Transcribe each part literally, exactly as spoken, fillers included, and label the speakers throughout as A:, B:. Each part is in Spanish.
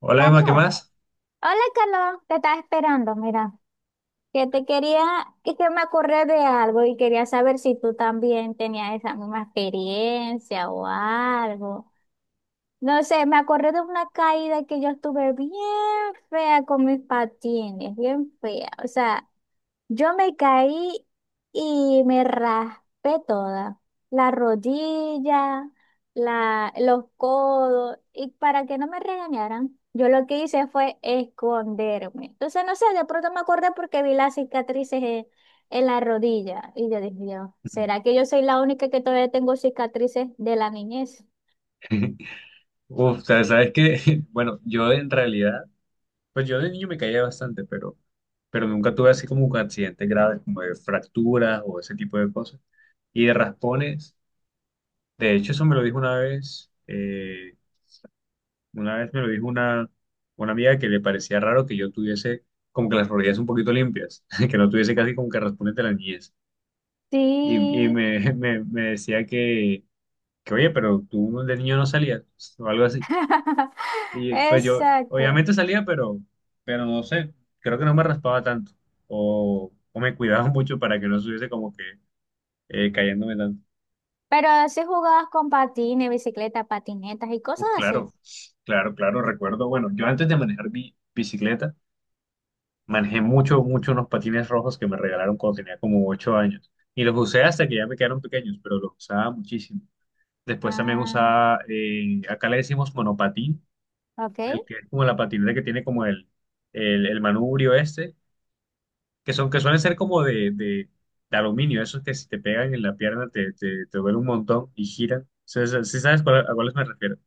A: Hola Emma, ¿qué
B: Carlos,
A: más?
B: hola Carlos, te estaba esperando, mira, que te quería, que, que me acordé de algo y quería saber si tú también tenías esa misma experiencia o algo. No sé, me acordé de una caída que yo estuve bien fea con mis patines, bien fea. O sea, yo me caí y me raspé toda, la rodilla, la, los codos, y para que no me regañaran, yo lo que hice fue esconderme. Entonces, no sé, de pronto me acordé porque vi las cicatrices en, en la rodilla y yo dije, Dios, ¿será que yo soy la única que todavía tengo cicatrices de la niñez?
A: Uf, sabes, sabes que, bueno, yo en realidad, pues yo de niño me caía bastante, pero, pero nunca tuve así como un accidente grave, como de fracturas o ese tipo de cosas. Y de raspones, de hecho eso me lo dijo una vez, eh, una vez me lo dijo una, una amiga que le parecía raro que yo tuviese como que las rodillas un poquito limpias, que no tuviese casi como que raspones de la niñez. Y, y
B: Sí,
A: me, me, me decía que, que, oye, pero tú de niño no salías, o algo así. Y pues yo,
B: exacto.
A: obviamente salía, pero, pero no sé, creo que no me raspaba tanto. O, o me cuidaba mucho para que no estuviese como que eh, cayéndome tanto.
B: Pero si jugabas con patines, bicicletas, patinetas y
A: Uh,
B: cosas así.
A: claro, claro, claro, recuerdo. Bueno, yo antes de manejar mi bicicleta, manejé mucho, mucho unos patines rojos que me regalaron cuando tenía como ocho años. Y los usé hasta que ya me quedaron pequeños, pero los usaba muchísimo. Después también
B: Ah,
A: usaba, eh, acá le decimos monopatín,
B: ok.
A: el que es como la patineta que tiene como el, el, el manubrio este, que son, que suelen ser como de, de, de aluminio, esos que si te pegan en la pierna te, te, te duele un montón y giran. ¿Si sabes cuál- a cuáles me refiero?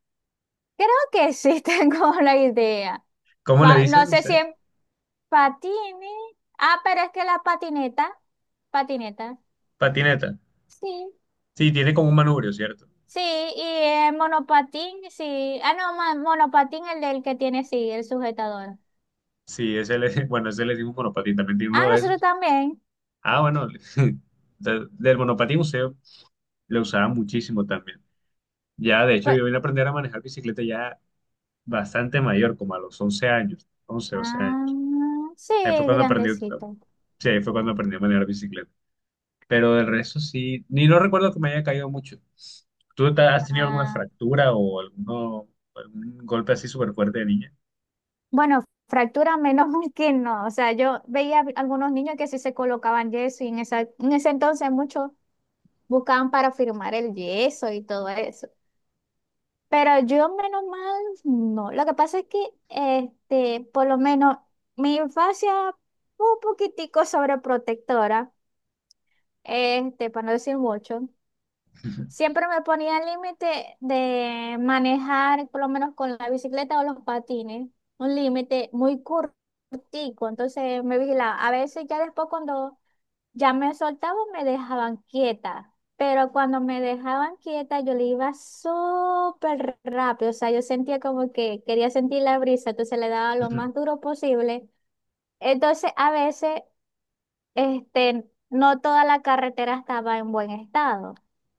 B: Creo que sí tengo la idea.
A: ¿Cómo le
B: Pa-
A: dicen
B: no sé si
A: ustedes?
B: en patines. Ah, pero es que la patineta. Patineta.
A: Patineta.
B: Sí.
A: Sí, tiene como un manubrio, ¿cierto?
B: Sí, y el monopatín, sí. Ah, no, ma- monopatín el del que tiene, sí, el sujetador.
A: Sí, ese le, bueno, ese le decimos monopatín, también tiene
B: Ah,
A: uno de
B: nosotros
A: esos.
B: también.
A: Ah, bueno, de- del monopatín museo lo usaba muchísimo también. Ya, de hecho,
B: Pe-
A: yo vine a aprender a manejar bicicleta ya bastante mayor, como a los once años, once doce años.
B: ah, sí,
A: Ahí fue cuando aprendí,
B: grandecito.
A: sí, ahí fue cuando aprendí a manejar bicicleta. Pero del resto sí, ni no recuerdo que me haya caído mucho. ¿Tú te- has tenido alguna
B: Ah,
A: fractura o alguno, algún golpe así súper fuerte de niña?
B: bueno, fractura menos mal que no. O sea, yo veía algunos niños que sí se colocaban yeso y en esa, en ese entonces mucho. Buscaban para firmar el yeso y todo eso. Pero yo, menos mal, no. Lo que pasa es que, este, por lo menos, mi infancia fue un poquitico sobreprotectora, este, para no decir mucho. Siempre me ponía el límite de manejar, por lo menos con la bicicleta o los patines, un límite muy cortico. Entonces me vigilaba. A veces ya después cuando ya me soltaban me dejaban quieta, pero cuando me dejaban quieta yo le iba súper rápido, o sea, yo sentía como que quería sentir la brisa, entonces le daba lo más duro posible. Entonces, a veces, este, no toda la carretera estaba en buen estado.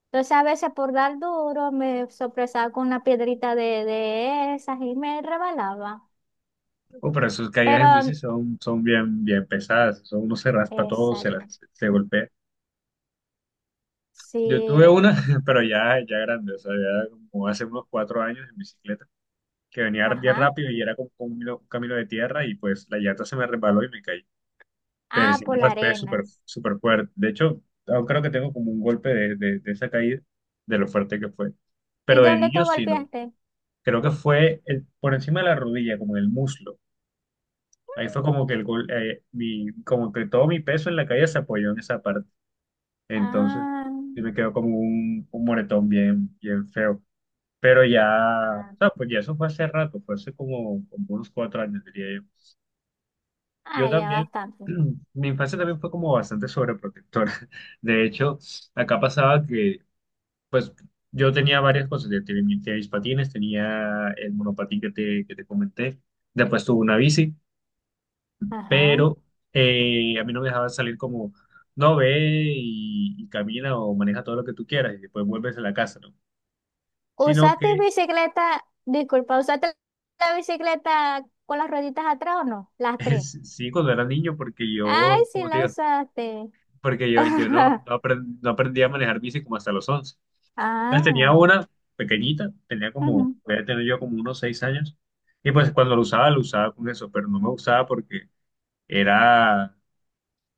B: Entonces, a veces por dar duro me sorpresaba con una piedrita de, de esas y me rebalaba.
A: Oh, pero esas caídas
B: Pero,
A: en bici son, son bien, bien pesadas, eso uno se raspa todo, se, la-
B: exacto,
A: se golpea. Yo tuve una,
B: sí,
A: pero ya, ya grande, o sea, ya como hace unos cuatro años en bicicleta, que venía bien
B: ajá,
A: rápido y era como, como un camino un camino de tierra y pues la llanta se me resbaló y me caí. Pero
B: ah,
A: sí
B: por
A: me
B: la
A: raspé súper
B: arena.
A: súper fuerte. De hecho, aún creo que tengo como un golpe de, de- de esa caída, de lo fuerte que fue.
B: ¿Y
A: Pero de
B: dónde te
A: niño sí, no.
B: golpeaste?
A: Creo que fue el, por encima de la rodilla, como en el muslo. Ahí fue como que el gol, eh, mi, como que todo mi peso en la caída se apoyó en esa parte. Entonces,
B: Ah,
A: sí me quedó como un, un moretón bien, bien feo. Pero ya, o
B: ah,
A: sea, pues ya eso fue hace rato, fue hace como, como unos cuatro años, diría yo. Yo
B: ah, ya
A: también,
B: bastante.
A: mi infancia también fue como bastante sobreprotectora. De hecho, acá pasaba que, pues, yo tenía varias cosas. Yo tenía mis tenía mis patines, tenía el monopatín que te, que te comenté. Después tuve una bici,
B: Ajá.
A: pero eh, a mí no me dejaban salir como, no, ve y, y camina o maneja todo lo que tú quieras y después vuelves a la casa, ¿no? Sino
B: ¿Usaste
A: que,
B: bicicleta? Disculpa, ¿usaste la bicicleta con las rueditas atrás o no? Las tres.
A: sí, cuando era niño, porque yo,
B: Ay, sí
A: como te
B: la
A: digo,
B: usaste.
A: porque yo, yo no, no aprend- no aprendí a manejar bici como hasta los once.
B: Ah,
A: Entonces tenía una pequeñita, tenía como,
B: ujú,
A: voy a tener yo como unos seis años, y pues cuando lo usaba, lo usaba con eso, pero no me gustaba porque era, o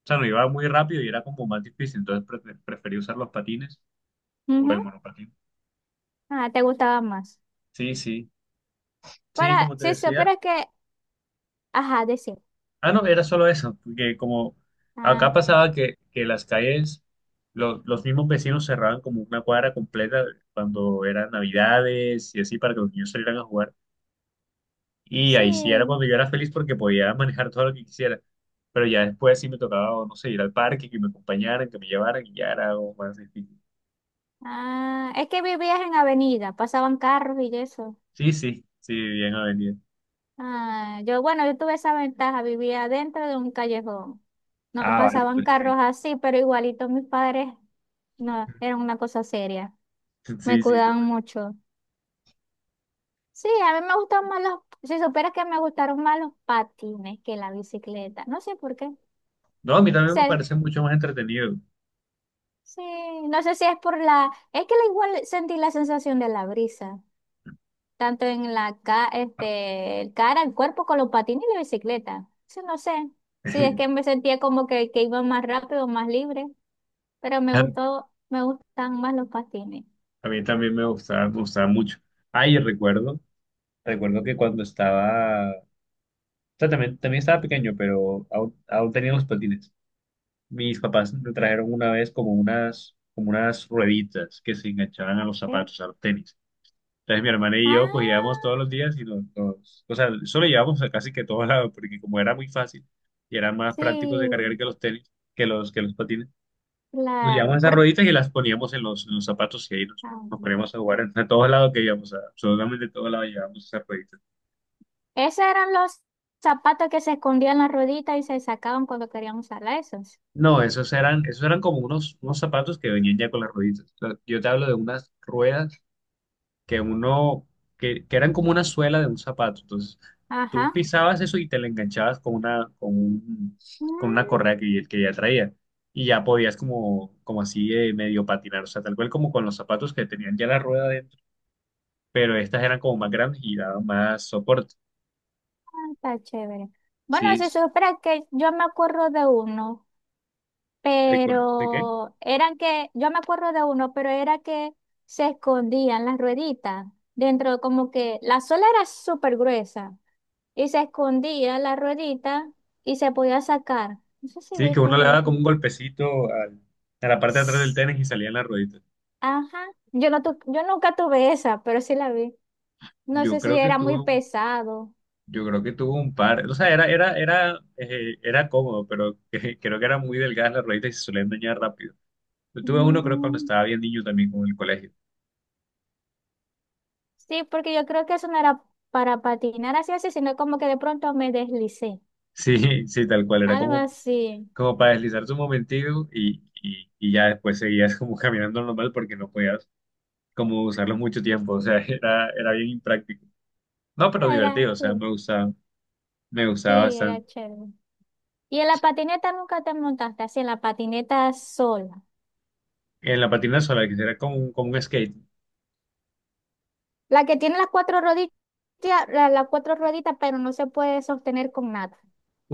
A: sea, no iba muy rápido y era como más difícil, entonces pre- preferí usar los patines o el
B: ujú.
A: monopatín.
B: Ah, te gustaba más.
A: Sí, sí, sí,
B: Para,
A: como te
B: sí, sí,
A: decía.
B: pero es que, ajá, decir.
A: Ah, no, era solo eso, porque como
B: Ah,
A: acá pasaba que, que las calles, lo- los mismos vecinos cerraban como una cuadra completa cuando eran navidades y así para que los niños salieran a jugar. Y ahí sí era
B: sí.
A: cuando yo era feliz porque podía manejar todo lo que quisiera. Pero ya después sí me tocaba, o no sé, ir al parque, que me acompañaran, que me llevaran, y ya era algo más difícil.
B: Ah, es que vivías en avenida, pasaban carros y eso.
A: Sí, sí, sí, bien avenida.
B: Ah, yo, bueno, yo tuve esa ventaja, vivía dentro de un callejón. No
A: Ah, vale,
B: pasaban
A: entonces
B: carros
A: sí.
B: así, pero igualito mis padres no, eran una cosa seria. Me
A: Sí, sí. tú-
B: cuidaban mucho. Sí, a mí me gustan más los, si supieras que me gustaron más los patines que la bicicleta. No sé por qué.
A: No, a mí también me
B: Sé-
A: parece mucho más entretenido.
B: sí, no sé si es por la, es que la igual sentí la sensación de la brisa, tanto en la ca, este, el cara, el cuerpo con los patines y la bicicleta. Sí, no sé. Sí, es que me sentía como que, que iba más rápido, más libre. Pero me
A: A
B: gustó, me gustan más los patines.
A: a mí también me gustaba, me gustaba, mucho. Ay, recuerdo, recuerdo que cuando estaba, o sea, también, también estaba pequeño, pero aún, aún tenía los patines. Mis papás me trajeron una vez como unas, como unas rueditas que se enganchaban a los
B: ¿Ok?
A: zapatos, a los tenis. Entonces mi hermana y yo cogíamos
B: Ah,
A: todos los días y los, los- o sea, eso lo llevábamos a casi que todos lados, porque como era muy fácil y era más práctico de
B: sí,
A: cargar que los tenis, que los, que los patines, nos
B: claro.
A: llevábamos esas
B: Porque,
A: rueditas y las poníamos en los, en los zapatos y ahí nos,
B: ah,
A: nos poníamos a jugar en- a todos lados que íbamos, a, absolutamente a todos lados llevábamos esas rueditas.
B: esos eran los zapatos que se escondían en la ruedita y se sacaban cuando querían usar esos.
A: No, esos eran, esos eran como unos, unos zapatos que venían ya con las rueditas. O sea, yo te hablo de unas ruedas que uno, que, que eran como una suela de un zapato. Entonces, tú
B: Ajá.
A: pisabas eso y te la enganchabas con una, con un- con una correa
B: Mm,
A: que, que ya traía. Y ya podías como, como así eh, medio patinar, o sea, tal cual como con los zapatos que tenían ya la rueda dentro, pero estas eran como más grandes y daban más soporte.
B: ah, está chévere. Bueno,
A: Sí,
B: se supone que yo me acuerdo de uno,
A: recuerdo. ¿De qué?
B: pero eran que, yo me acuerdo de uno, pero era que se escondían las rueditas dentro, como que la suela era súper gruesa. Y se escondía la ruedita y se podía sacar. No sé si
A: Sí, que
B: viste
A: uno le daba como
B: eso.
A: un golpecito al- a la parte de atrás del
B: S-
A: tenis y salían las rueditas.
B: Ajá. Yo, no tu- yo nunca tuve esa, pero sí la vi. No
A: Yo
B: sé si
A: creo que
B: era muy
A: tuve
B: pesado.
A: Yo creo que tuvo un par, o sea, era, era, era, eh, era cómodo, pero creo que era muy delgadas la rueditas y se suelen dañar rápido. Yo tuve uno, creo, cuando
B: Mm,
A: estaba bien niño también, como en el colegio.
B: sí, porque yo creo que eso no era para patinar así, así, sino como que de pronto me deslicé.
A: Sí, sí, tal cual, era
B: Algo
A: como,
B: así.
A: como para deslizarse un momentito y, y, y ya después seguías como caminando normal porque no podías como usarlo mucho tiempo, o sea, era, era bien impráctico. No, pero
B: Ah, era,
A: divertido, o sea,
B: sí,
A: me gustaba, me gustaba
B: sí, era
A: bastante.
B: chévere. ¿Y en la patineta nunca te montaste así, en la patineta sol?
A: En la patina sola, que era como, un- como un skate.
B: La que tiene las cuatro rodillas, la- las cuatro rueditas, pero no se puede sostener con nada,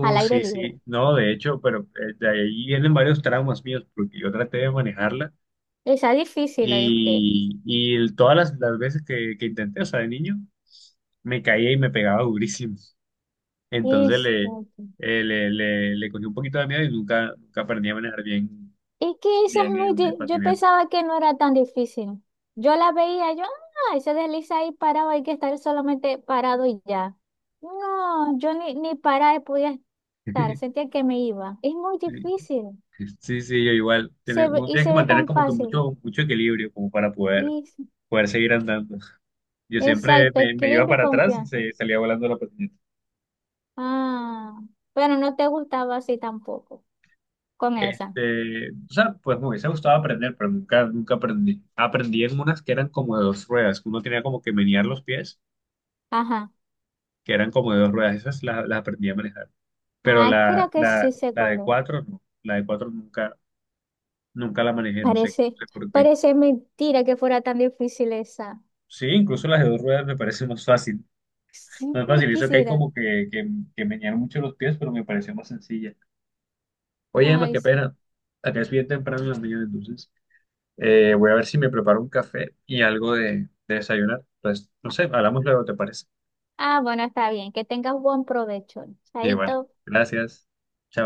B: al aire
A: Sí,
B: libre.
A: sí, no, de hecho, pero eh, de ahí vienen varios traumas míos, porque yo traté de manejarla
B: Esa es difícil, ¿oíste?
A: y, y el- todas las, las veces que, que intenté, o sea, de niño, me caía y me pegaba durísimo. Entonces
B: Es,
A: le, eh, le, le, le cogí un poquito de miedo y nunca, nunca aprendí a manejar bien,
B: es que esa es
A: bien
B: muy...
A: en,
B: di-
A: en
B: Yo
A: patineta.
B: pensaba que no era tan difícil. Yo la veía, yo, ah, se desliza ahí parado, hay que estar solamente parado y ya. No, yo ni, ni parada podía estar, sentía que me iba. Es muy
A: Sí,
B: difícil
A: sí, sí, yo igual. Tiene,
B: se ve-
A: uno
B: y
A: tiene que
B: se ve
A: mantener
B: tan
A: como que
B: fácil.
A: mucho, mucho equilibrio como para poder,
B: Y-
A: poder seguir andando. Yo siempre
B: exacto,
A: me, me iba
B: equilibrio y
A: para atrás y
B: confianza.
A: se, salía volando la patineta.
B: Ah, bueno no te gustaba así tampoco, con esa.
A: Este, o sea, pues me hubiese gustado aprender, pero nunca, nunca aprendí. Aprendí en unas que eran como de dos ruedas, que uno tenía como que menear los pies,
B: Ajá.
A: que eran como de dos ruedas, esas las, las aprendí a manejar. Pero
B: Ah, creo
A: la,
B: que sí
A: la,
B: sé
A: la
B: cuál
A: de
B: es.
A: cuatro, no, la de cuatro nunca, nunca la manejé, no sé, no
B: Parece,
A: sé por qué.
B: parece mentira que fuera tan difícil esa.
A: Sí, incluso las de dos ruedas me parece más fácil,
B: Sí,
A: más
B: ¿por
A: fácil,
B: qué
A: eso que hay
B: será?
A: como que, que, que menear mucho los pies, pero me pareció más sencilla. Oye, Emma,
B: Ay,
A: qué
B: sí.
A: pena, acá es bien temprano en la mañana, entonces. Eh, voy a ver si me preparo un café y algo de, de desayunar. Entonces, no sé, hablamos luego, ¿te parece?
B: Ah, bueno, está bien. Que tengas buen provecho.
A: Y bueno,
B: Chaito.
A: gracias. Chao.